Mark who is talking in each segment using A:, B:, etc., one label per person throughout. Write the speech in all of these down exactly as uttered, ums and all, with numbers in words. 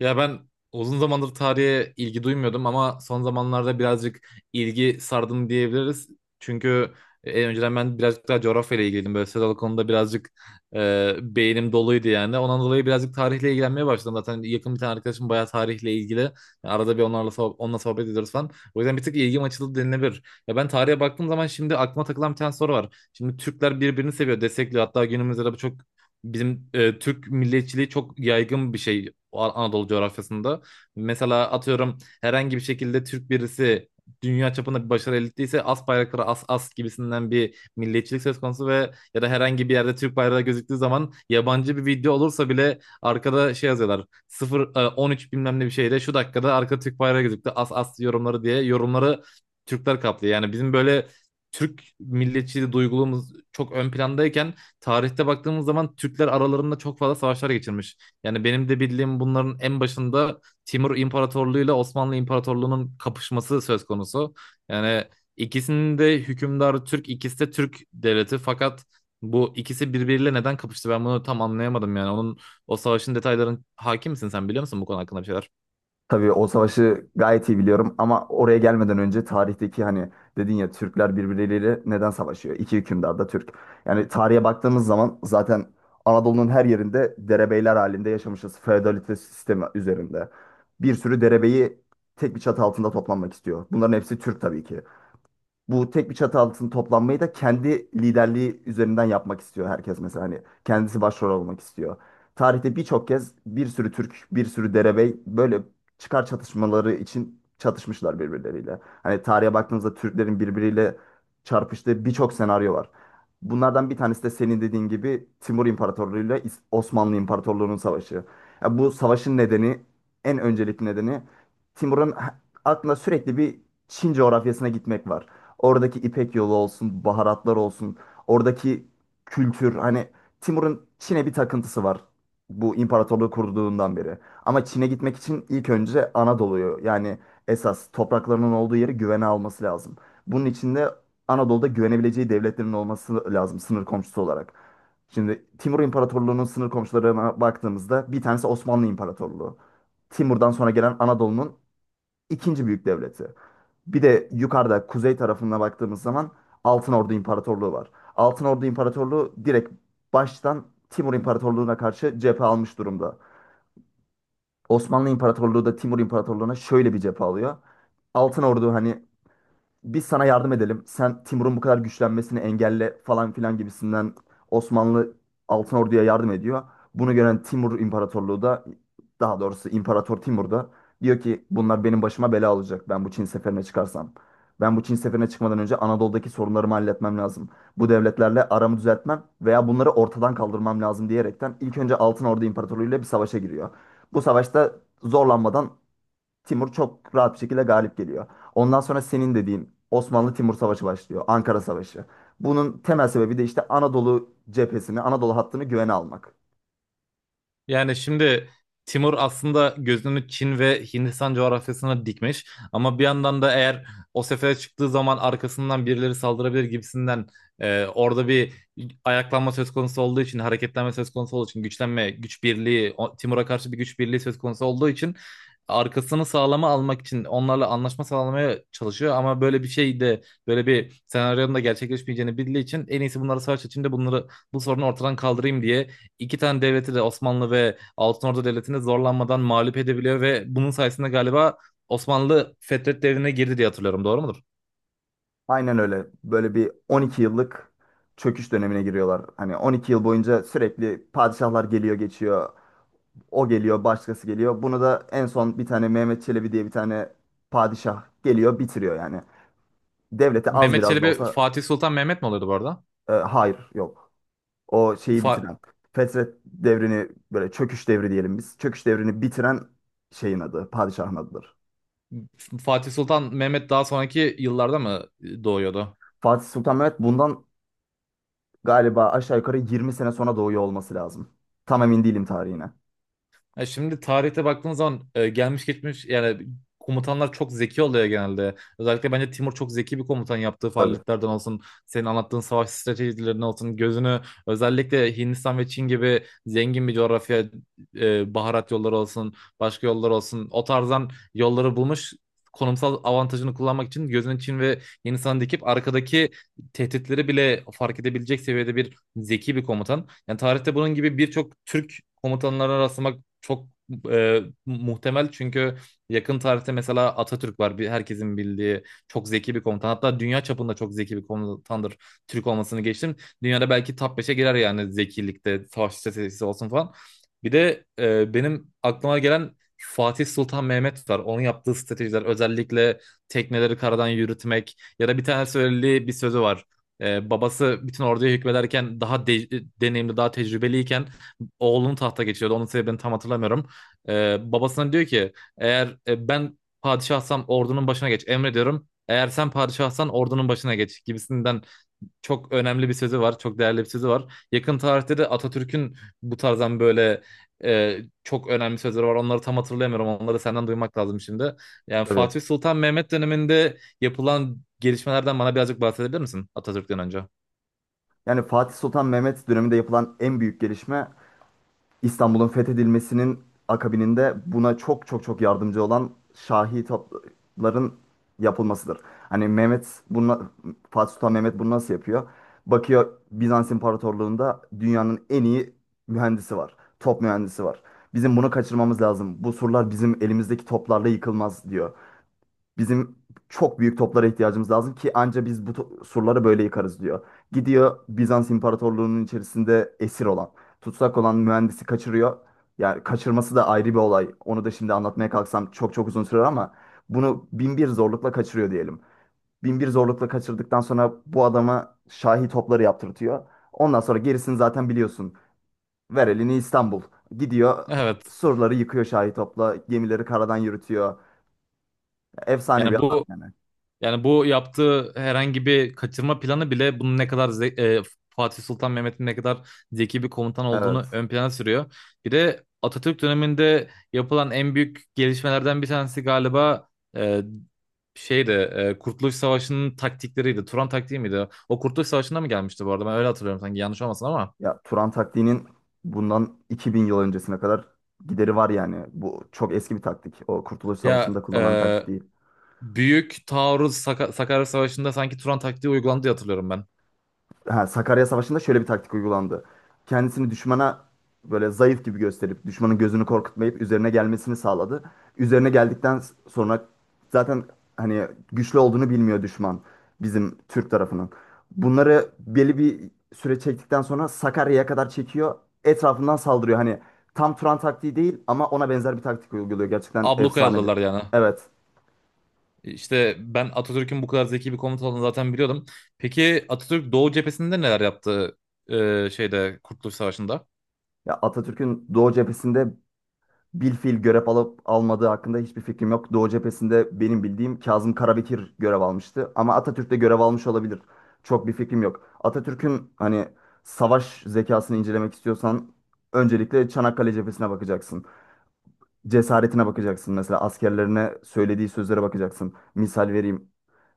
A: Ya ben uzun zamandır tarihe ilgi duymuyordum ama son zamanlarda birazcık ilgi sardım diyebiliriz. Çünkü e, önceden ben birazcık daha coğrafyayla ilgiliydim. Böyle sözel konuda birazcık e, beynim doluydu yani. Ondan dolayı birazcık tarihle ilgilenmeye başladım. Zaten yakın bir tane arkadaşım bayağı tarihle ilgili. Yani arada bir onlarla soh- onunla sohbet ediyoruz falan. O yüzden bir tık ilgim açıldı denilebilir. Ya ben tarihe baktığım zaman şimdi aklıma takılan bir tane soru var. Şimdi Türkler birbirini seviyor, destekliyor. Hatta günümüzde de bu çok. Bizim e, Türk milliyetçiliği çok yaygın bir şey. An- Anadolu coğrafyasında. Mesela atıyorum herhangi bir şekilde Türk birisi dünya çapında bir başarı elde ettiyse as bayrakları as as gibisinden bir milliyetçilik söz konusu ve ya da herhangi bir yerde Türk bayrağı gözüktüğü zaman yabancı bir video olursa bile arkada şey yazıyorlar sıfır e, on üç bilmem ne bir şeyle şu dakikada arka Türk bayrağı gözüktü as as yorumları diye yorumları Türkler kaplıyor. Yani bizim böyle Türk milliyetçiliği duygulumuz çok ön plandayken tarihte baktığımız zaman Türkler aralarında çok fazla savaşlar geçirmiş. Yani benim de bildiğim bunların en başında Timur İmparatorluğu ile Osmanlı İmparatorluğu'nun kapışması söz konusu. Yani ikisinin de hükümdarı Türk, ikisi de Türk devleti. Fakat bu ikisi birbiriyle neden kapıştı? Ben bunu tam anlayamadım yani. Onun o savaşın detayların hakim misin, sen biliyor musun bu konu hakkında bir şeyler?
B: Tabii o savaşı gayet iyi biliyorum ama oraya gelmeden önce tarihteki hani dedin ya Türkler birbirleriyle neden savaşıyor? İki hükümdar da Türk. Yani tarihe baktığımız zaman zaten Anadolu'nun her yerinde derebeyler halinde yaşamışız. Feodalite sistemi üzerinde. Bir sürü derebeyi tek bir çatı altında toplanmak istiyor. Bunların hepsi Türk tabii ki bu tek bir çatı altında toplanmayı da kendi liderliği üzerinden yapmak istiyor herkes, mesela hani kendisi başrol olmak istiyor. Tarihte birçok kez bir sürü Türk, bir sürü derebey böyle çıkar çatışmaları için çatışmışlar birbirleriyle. Hani tarihe baktığınızda Türklerin birbiriyle çarpıştığı birçok senaryo var. Bunlardan bir tanesi de senin dediğin gibi Timur İmparatorluğu ile İs- Osmanlı İmparatorluğu'nun savaşı. Ya bu savaşın nedeni, en öncelikli nedeni Timur'un aklında sürekli bir Çin coğrafyasına gitmek var. Oradaki İpek yolu olsun, baharatlar olsun, oradaki kültür, hani Timur'un Çin'e bir takıntısı var. Bu imparatorluğu kurduğundan beri. Ama Çin'e gitmek için ilk önce Anadolu'yu, yani esas topraklarının olduğu yeri güvene alması lazım. Bunun için de Anadolu'da güvenebileceği devletlerin olması lazım sınır komşusu olarak. Şimdi Timur İmparatorluğu'nun sınır komşularına baktığımızda bir tanesi Osmanlı İmparatorluğu. Timur'dan sonra gelen Anadolu'nun ikinci büyük devleti. Bir de yukarıda kuzey tarafına baktığımız zaman Altın Ordu İmparatorluğu var. Altın Ordu İmparatorluğu direkt baştan Timur İmparatorluğu'na karşı cephe almış durumda. Osmanlı İmparatorluğu da Timur İmparatorluğu'na şöyle bir cephe alıyor. Altın Ordu, hani biz sana yardım edelim. Sen Timur'un bu kadar güçlenmesini engelle falan filan gibisinden Osmanlı Altın Ordu'ya yardım ediyor. Bunu gören Timur İmparatorluğu da, daha doğrusu İmparator Timur da diyor ki bunlar benim başıma bela olacak ben bu Çin seferine çıkarsam. Ben bu Çin seferine çıkmadan önce Anadolu'daki sorunlarımı halletmem lazım. Bu devletlerle aramı düzeltmem veya bunları ortadan kaldırmam lazım diyerekten ilk önce Altın Ordu İmparatorluğu ile bir savaşa giriyor. Bu savaşta zorlanmadan Timur çok rahat bir şekilde galip geliyor. Ondan sonra senin dediğin Osmanlı-Timur Savaşı başlıyor. Ankara Savaşı. Bunun temel sebebi de işte Anadolu cephesini, Anadolu hattını güvene almak.
A: Yani şimdi Timur aslında gözünü Çin ve Hindistan coğrafyasına dikmiş ama bir yandan da eğer o sefere çıktığı zaman arkasından birileri saldırabilir gibisinden, e, orada bir ayaklanma söz konusu olduğu için, hareketlenme söz konusu olduğu için, güçlenme güç birliği o- Timur'a karşı bir güç birliği söz konusu olduğu için arkasını sağlama almak için onlarla anlaşma sağlamaya çalışıyor ama böyle bir şey de, böyle bir senaryonun da gerçekleşmeyeceğini bildiği için en iyisi bunları savaş içinde bunları, bu sorunu ortadan kaldırayım diye iki tane devleti de, Osmanlı ve Altınordu Devleti'ni zorlanmadan mağlup edebiliyor ve bunun sayesinde galiba Osmanlı Fetret Devri'ne girdi diye hatırlıyorum. Doğru mudur?
B: Aynen öyle. Böyle bir on iki yıllık çöküş dönemine giriyorlar. Hani on iki yıl boyunca sürekli padişahlar geliyor geçiyor. O geliyor, başkası geliyor. Bunu da en son bir tane Mehmet Çelebi diye bir tane padişah geliyor, bitiriyor yani. Devlete az
A: Mehmet
B: biraz da
A: Çelebi
B: olsa
A: Fatih Sultan Mehmet mi oluyordu bu arada?
B: e, hayır, yok. O şeyi
A: Fa-
B: bitiren. Fetret devrini böyle çöküş devri diyelim biz. Çöküş devrini bitiren şeyin adı, padişahın adıdır.
A: Fatih Sultan Mehmet daha sonraki yıllarda mı doğuyordu?
B: Fatih Sultan Mehmet bundan galiba aşağı yukarı yirmi sene sonra doğuyor olması lazım. Tam emin değilim tarihine.
A: Ya şimdi tarihte baktığın zaman e, gelmiş geçmiş yani komutanlar çok zeki oluyor genelde. Özellikle bence Timur çok zeki bir komutan, yaptığı
B: Tabii,
A: faaliyetlerden olsun, senin anlattığın savaş stratejilerinden olsun, gözünü özellikle Hindistan ve Çin gibi zengin bir coğrafya, e, baharat yolları olsun, başka yollar olsun, o tarzdan yolları bulmuş. Konumsal avantajını kullanmak için gözünü Çin ve Hindistan'a dikip arkadaki tehditleri bile fark edebilecek seviyede bir zeki bir komutan. Yani tarihte bunun gibi birçok Türk komutanlarına rastlamak çok e, muhtemel, çünkü yakın tarihte mesela Atatürk var. Bir, herkesin bildiği çok zeki bir komutan. Hatta dünya çapında çok zeki bir komutandır. Türk olmasını geçtim. Dünyada belki top beşe girer yani zekilikte, savaş stratejisi olsun falan. Bir de e, benim aklıma gelen Fatih Sultan Mehmet var. Onun yaptığı stratejiler özellikle tekneleri karadan yürütmek ya da bir tane söylediği bir sözü var. E, babası bütün orduya hükmederken, daha de- deneyimli, daha tecrübeliyken oğlunun tahta geçiyordu. Onun sebebini tam hatırlamıyorum. Ee, babasına diyor ki, eğer e, ben padişahsam ordunun başına geç, emrediyorum. Eğer sen padişahsan ordunun başına geç gibisinden çok önemli bir sözü var. Çok değerli bir sözü var. Yakın tarihte de Atatürk'ün bu tarzdan böyle e, çok önemli sözleri var. Onları tam hatırlayamıyorum. Onları senden duymak lazım şimdi. Yani
B: tabii.
A: Fatih Sultan Mehmet döneminde yapılan gelişmelerden bana birazcık bahsedebilir misin, Atatürk'ten önce?
B: Yani Fatih Sultan Mehmet döneminde yapılan en büyük gelişme İstanbul'un fethedilmesinin akabininde buna çok çok çok yardımcı olan Şahi topların yapılmasıdır. Hani Mehmet bunu Fatih Sultan Mehmet bunu nasıl yapıyor? Bakıyor Bizans İmparatorluğu'nda dünyanın en iyi mühendisi var. Top mühendisi var. Bizim bunu kaçırmamız lazım. Bu surlar bizim elimizdeki toplarla yıkılmaz diyor. Bizim çok büyük toplara ihtiyacımız lazım ki anca biz bu to- surları böyle yıkarız diyor. Gidiyor Bizans İmparatorluğu'nun içerisinde esir olan, tutsak olan mühendisi kaçırıyor. Yani kaçırması da ayrı bir olay. Onu da şimdi anlatmaya kalksam çok çok uzun sürer ama bunu bin bir zorlukla kaçırıyor diyelim. Bin bir zorlukla kaçırdıktan sonra bu adama şahi topları yaptırtıyor. Ondan sonra gerisini zaten biliyorsun. Ver elini İstanbul. Gidiyor
A: Evet.
B: surları yıkıyor şahi topla, gemileri karadan yürütüyor. Efsane bir
A: Yani bu
B: adam yani.
A: Yani bu yaptığı herhangi bir kaçırma planı bile bunun ne kadar ze- e, Fatih Sultan Mehmet'in ne kadar zeki bir komutan olduğunu
B: Evet.
A: ön plana sürüyor. Bir de Atatürk döneminde yapılan en büyük gelişmelerden bir tanesi galiba e, şeydi, e, Kurtuluş Savaşı'nın taktikleriydi. Turan taktiği miydi? O Kurtuluş Savaşı'nda mı gelmişti bu arada? Ben öyle hatırlıyorum sanki, yanlış olmasın ama.
B: Ya Turan taktiğinin bundan iki bin yıl öncesine kadar gideri var yani. Bu çok eski bir taktik. O Kurtuluş
A: Ya
B: Savaşı'nda kullanılan bir
A: e,
B: taktik değil.
A: büyük taarruz Saka- Sakarya Savaşı'nda sanki Turan taktiği uygulandı diye hatırlıyorum ben.
B: ha, Sakarya Savaşı'nda şöyle bir taktik uygulandı. Kendisini düşmana böyle zayıf gibi gösterip düşmanın gözünü korkutmayıp üzerine gelmesini sağladı. Üzerine geldikten sonra zaten hani güçlü olduğunu bilmiyor düşman bizim Türk tarafının. Bunları belli bir süre çektikten sonra Sakarya'ya kadar çekiyor. Etrafından saldırıyor. Hani tam Turan taktiği değil ama ona benzer bir taktik uyguluyor. Gerçekten
A: Ablukaya
B: efsane bir.
A: aldılar yani.
B: Evet.
A: E, İşte ben Atatürk'ün bu kadar zeki bir komutan olduğunu zaten biliyordum. Peki Atatürk Doğu cephesinde neler yaptı, e, şeyde, Kurtuluş Savaşı'nda?
B: Ya Atatürk'ün Doğu cephesinde bilfiil görev alıp almadığı hakkında hiçbir fikrim yok. Doğu cephesinde benim bildiğim Kazım Karabekir görev almıştı. Ama Atatürk de görev almış olabilir. Çok bir fikrim yok. Atatürk'ün hani savaş zekasını incelemek istiyorsan öncelikle Çanakkale cephesine bakacaksın. Cesaretine bakacaksın. Mesela askerlerine söylediği sözlere bakacaksın. Misal vereyim.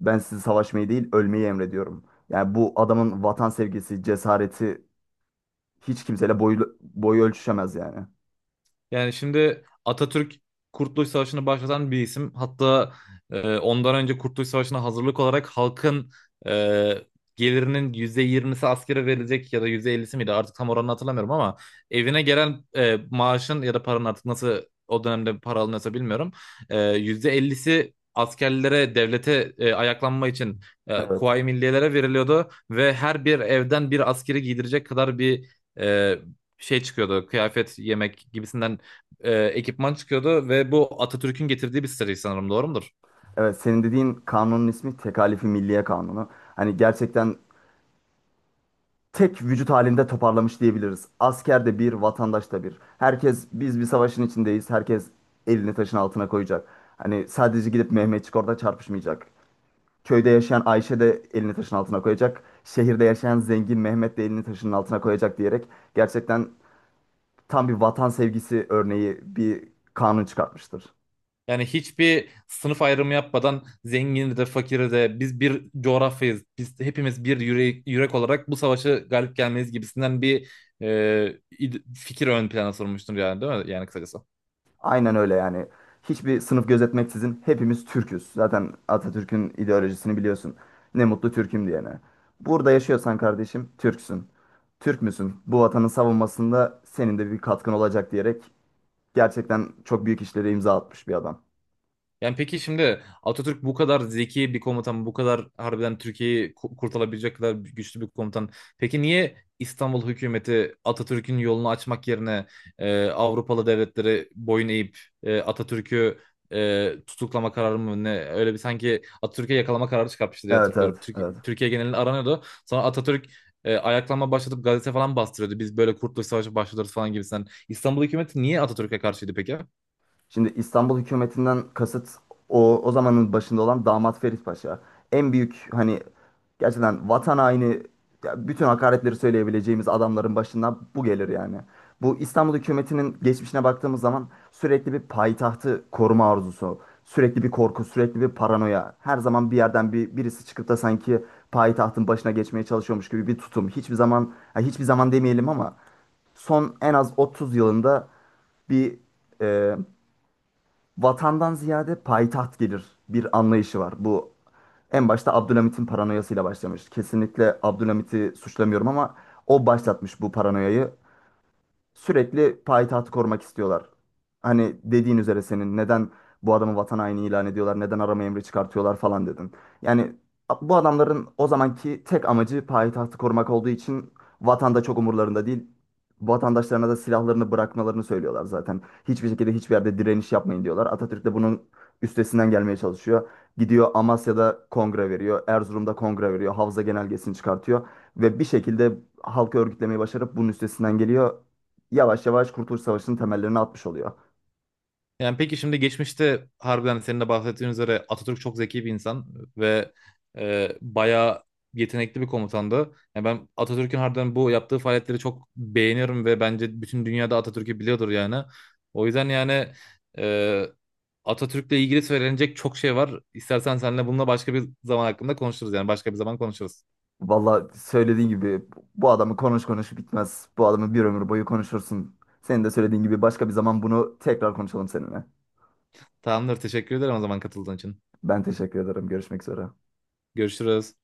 B: Ben sizi savaşmayı değil ölmeyi emrediyorum. Yani bu adamın vatan sevgisi, cesareti hiç kimseyle boyu, boyu ölçüşemez yani.
A: Yani şimdi Atatürk Kurtuluş Savaşı'nı başlatan bir isim. Hatta e, ondan önce Kurtuluş Savaşı'na hazırlık olarak halkın e, gelirinin yüzde yirmisi askere verilecek ya da yüzde ellisi miydi artık, tam oranını hatırlamıyorum ama evine gelen e, maaşın ya da paranın, artık nasıl o dönemde para alınıyorsa bilmiyorum. E, yüzde ellisi askerlere, devlete, e, ayaklanma için, e,
B: Evet.
A: Kuvayi Milliyelere veriliyordu ve her bir evden bir askeri giydirecek kadar bir e, şey çıkıyordu. Kıyafet, yemek gibisinden e, ekipman çıkıyordu ve bu Atatürk'ün getirdiği bir seri sanırım, doğru mudur?
B: Evet, senin dediğin kanunun ismi Tekalifi Milliye Kanunu. Hani gerçekten tek vücut halinde toparlamış diyebiliriz. Asker de bir, vatandaş da bir. Herkes biz bir savaşın içindeyiz. Herkes elini taşın altına koyacak. Hani sadece gidip Mehmetçik orada çarpışmayacak. Köyde yaşayan Ayşe de elini taşın altına koyacak. Şehirde yaşayan zengin Mehmet de elini taşın altına koyacak diyerek gerçekten tam bir vatan sevgisi örneği bir kanun çıkartmıştır.
A: Yani hiçbir sınıf ayrımı yapmadan zengini de fakiri de, biz bir coğrafyayız. Biz hepimiz bir yürek, yürek olarak bu savaşı galip gelmeliyiz gibisinden bir e, id- fikir ön plana sormuştur yani, değil mi? Yani kısacası.
B: Aynen öyle yani. Hiçbir sınıf gözetmeksizin hepimiz Türküz. Zaten Atatürk'ün ideolojisini biliyorsun. Ne mutlu Türk'üm diyene. Burada yaşıyorsan kardeşim Türksün. Türk müsün? Bu vatanın savunmasında senin de bir katkın olacak diyerek gerçekten çok büyük işlere imza atmış bir adam.
A: Yani peki şimdi Atatürk bu kadar zeki bir komutan, bu kadar harbiden Türkiye'yi ku- kurtarabilecek kadar güçlü bir komutan. Peki niye İstanbul hükümeti Atatürk'ün yolunu açmak yerine e, Avrupalı devletleri boyun eğip e, Atatürk'ü e, tutuklama kararı mı ne, öyle bir sanki Atatürk'e yakalama kararı çıkartmıştı diye
B: Evet, evet,
A: hatırlıyorum.
B: evet.
A: Türk- Türkiye genelinde aranıyordu. Sonra Atatürk e, ayaklanma başlatıp gazete falan bastırıyordu. Biz böyle Kurtuluş Savaşı başlatırız falan gibisinden. İstanbul hükümeti niye Atatürk'e karşıydı peki?
B: Şimdi İstanbul hükümetinden kasıt o, o zamanın başında olan Damat Ferit Paşa. En büyük, hani gerçekten vatan haini, ya bütün hakaretleri söyleyebileceğimiz adamların başından bu gelir yani. Bu İstanbul hükümetinin geçmişine baktığımız zaman sürekli bir payitahtı koruma arzusu, sürekli bir korku, sürekli bir paranoya. Her zaman bir yerden bir birisi çıkıp da sanki payitahtın başına geçmeye çalışıyormuş gibi bir tutum. Hiçbir zaman, ya hiçbir zaman demeyelim ama son en az otuz yılında bir e, vatandan ziyade payitaht gelir bir anlayışı var. Bu en başta Abdülhamit'in paranoyasıyla başlamış. Kesinlikle Abdülhamit'i suçlamıyorum ama o başlatmış bu paranoyayı, sürekli payitahtı korumak istiyorlar. Hani dediğin üzere senin neden bu adamı vatan haini ilan ediyorlar, neden arama emri çıkartıyorlar falan dedin. Yani a- bu adamların o zamanki tek amacı payitahtı korumak olduğu için vatanda çok umurlarında değil. Vatandaşlarına da silahlarını bırakmalarını söylüyorlar zaten. Hiçbir şekilde hiçbir yerde direniş yapmayın diyorlar. Atatürk de bunun üstesinden gelmeye çalışıyor. Gidiyor Amasya'da kongre veriyor, Erzurum'da kongre veriyor, Havza Genelgesi'ni çıkartıyor ve bir şekilde halkı örgütlemeyi başarıp bunun üstesinden geliyor, yavaş yavaş Kurtuluş Savaşı'nın temellerini atmış oluyor.
A: Yani peki şimdi geçmişte harbiden, hani senin de bahsettiğin üzere, Atatürk çok zeki bir insan ve e, bayağı yetenekli bir komutandı. Yani ben Atatürk'ün harbiden bu yaptığı faaliyetleri çok beğeniyorum ve bence bütün dünyada Atatürk'ü biliyordur yani. O yüzden yani e, Atatürk'le ilgili söylenecek çok şey var. İstersen seninle bununla başka bir zaman hakkında konuşuruz, yani başka bir zaman konuşuruz.
B: Valla söylediğin gibi bu adamı konuş konuş bitmez. Bu adamı bir ömür boyu konuşursun. Senin de söylediğin gibi başka bir zaman bunu tekrar konuşalım seninle.
A: Tamamdır, teşekkür ederim o zaman, katıldığın için.
B: Ben teşekkür ederim. Görüşmek üzere.
A: Görüşürüz.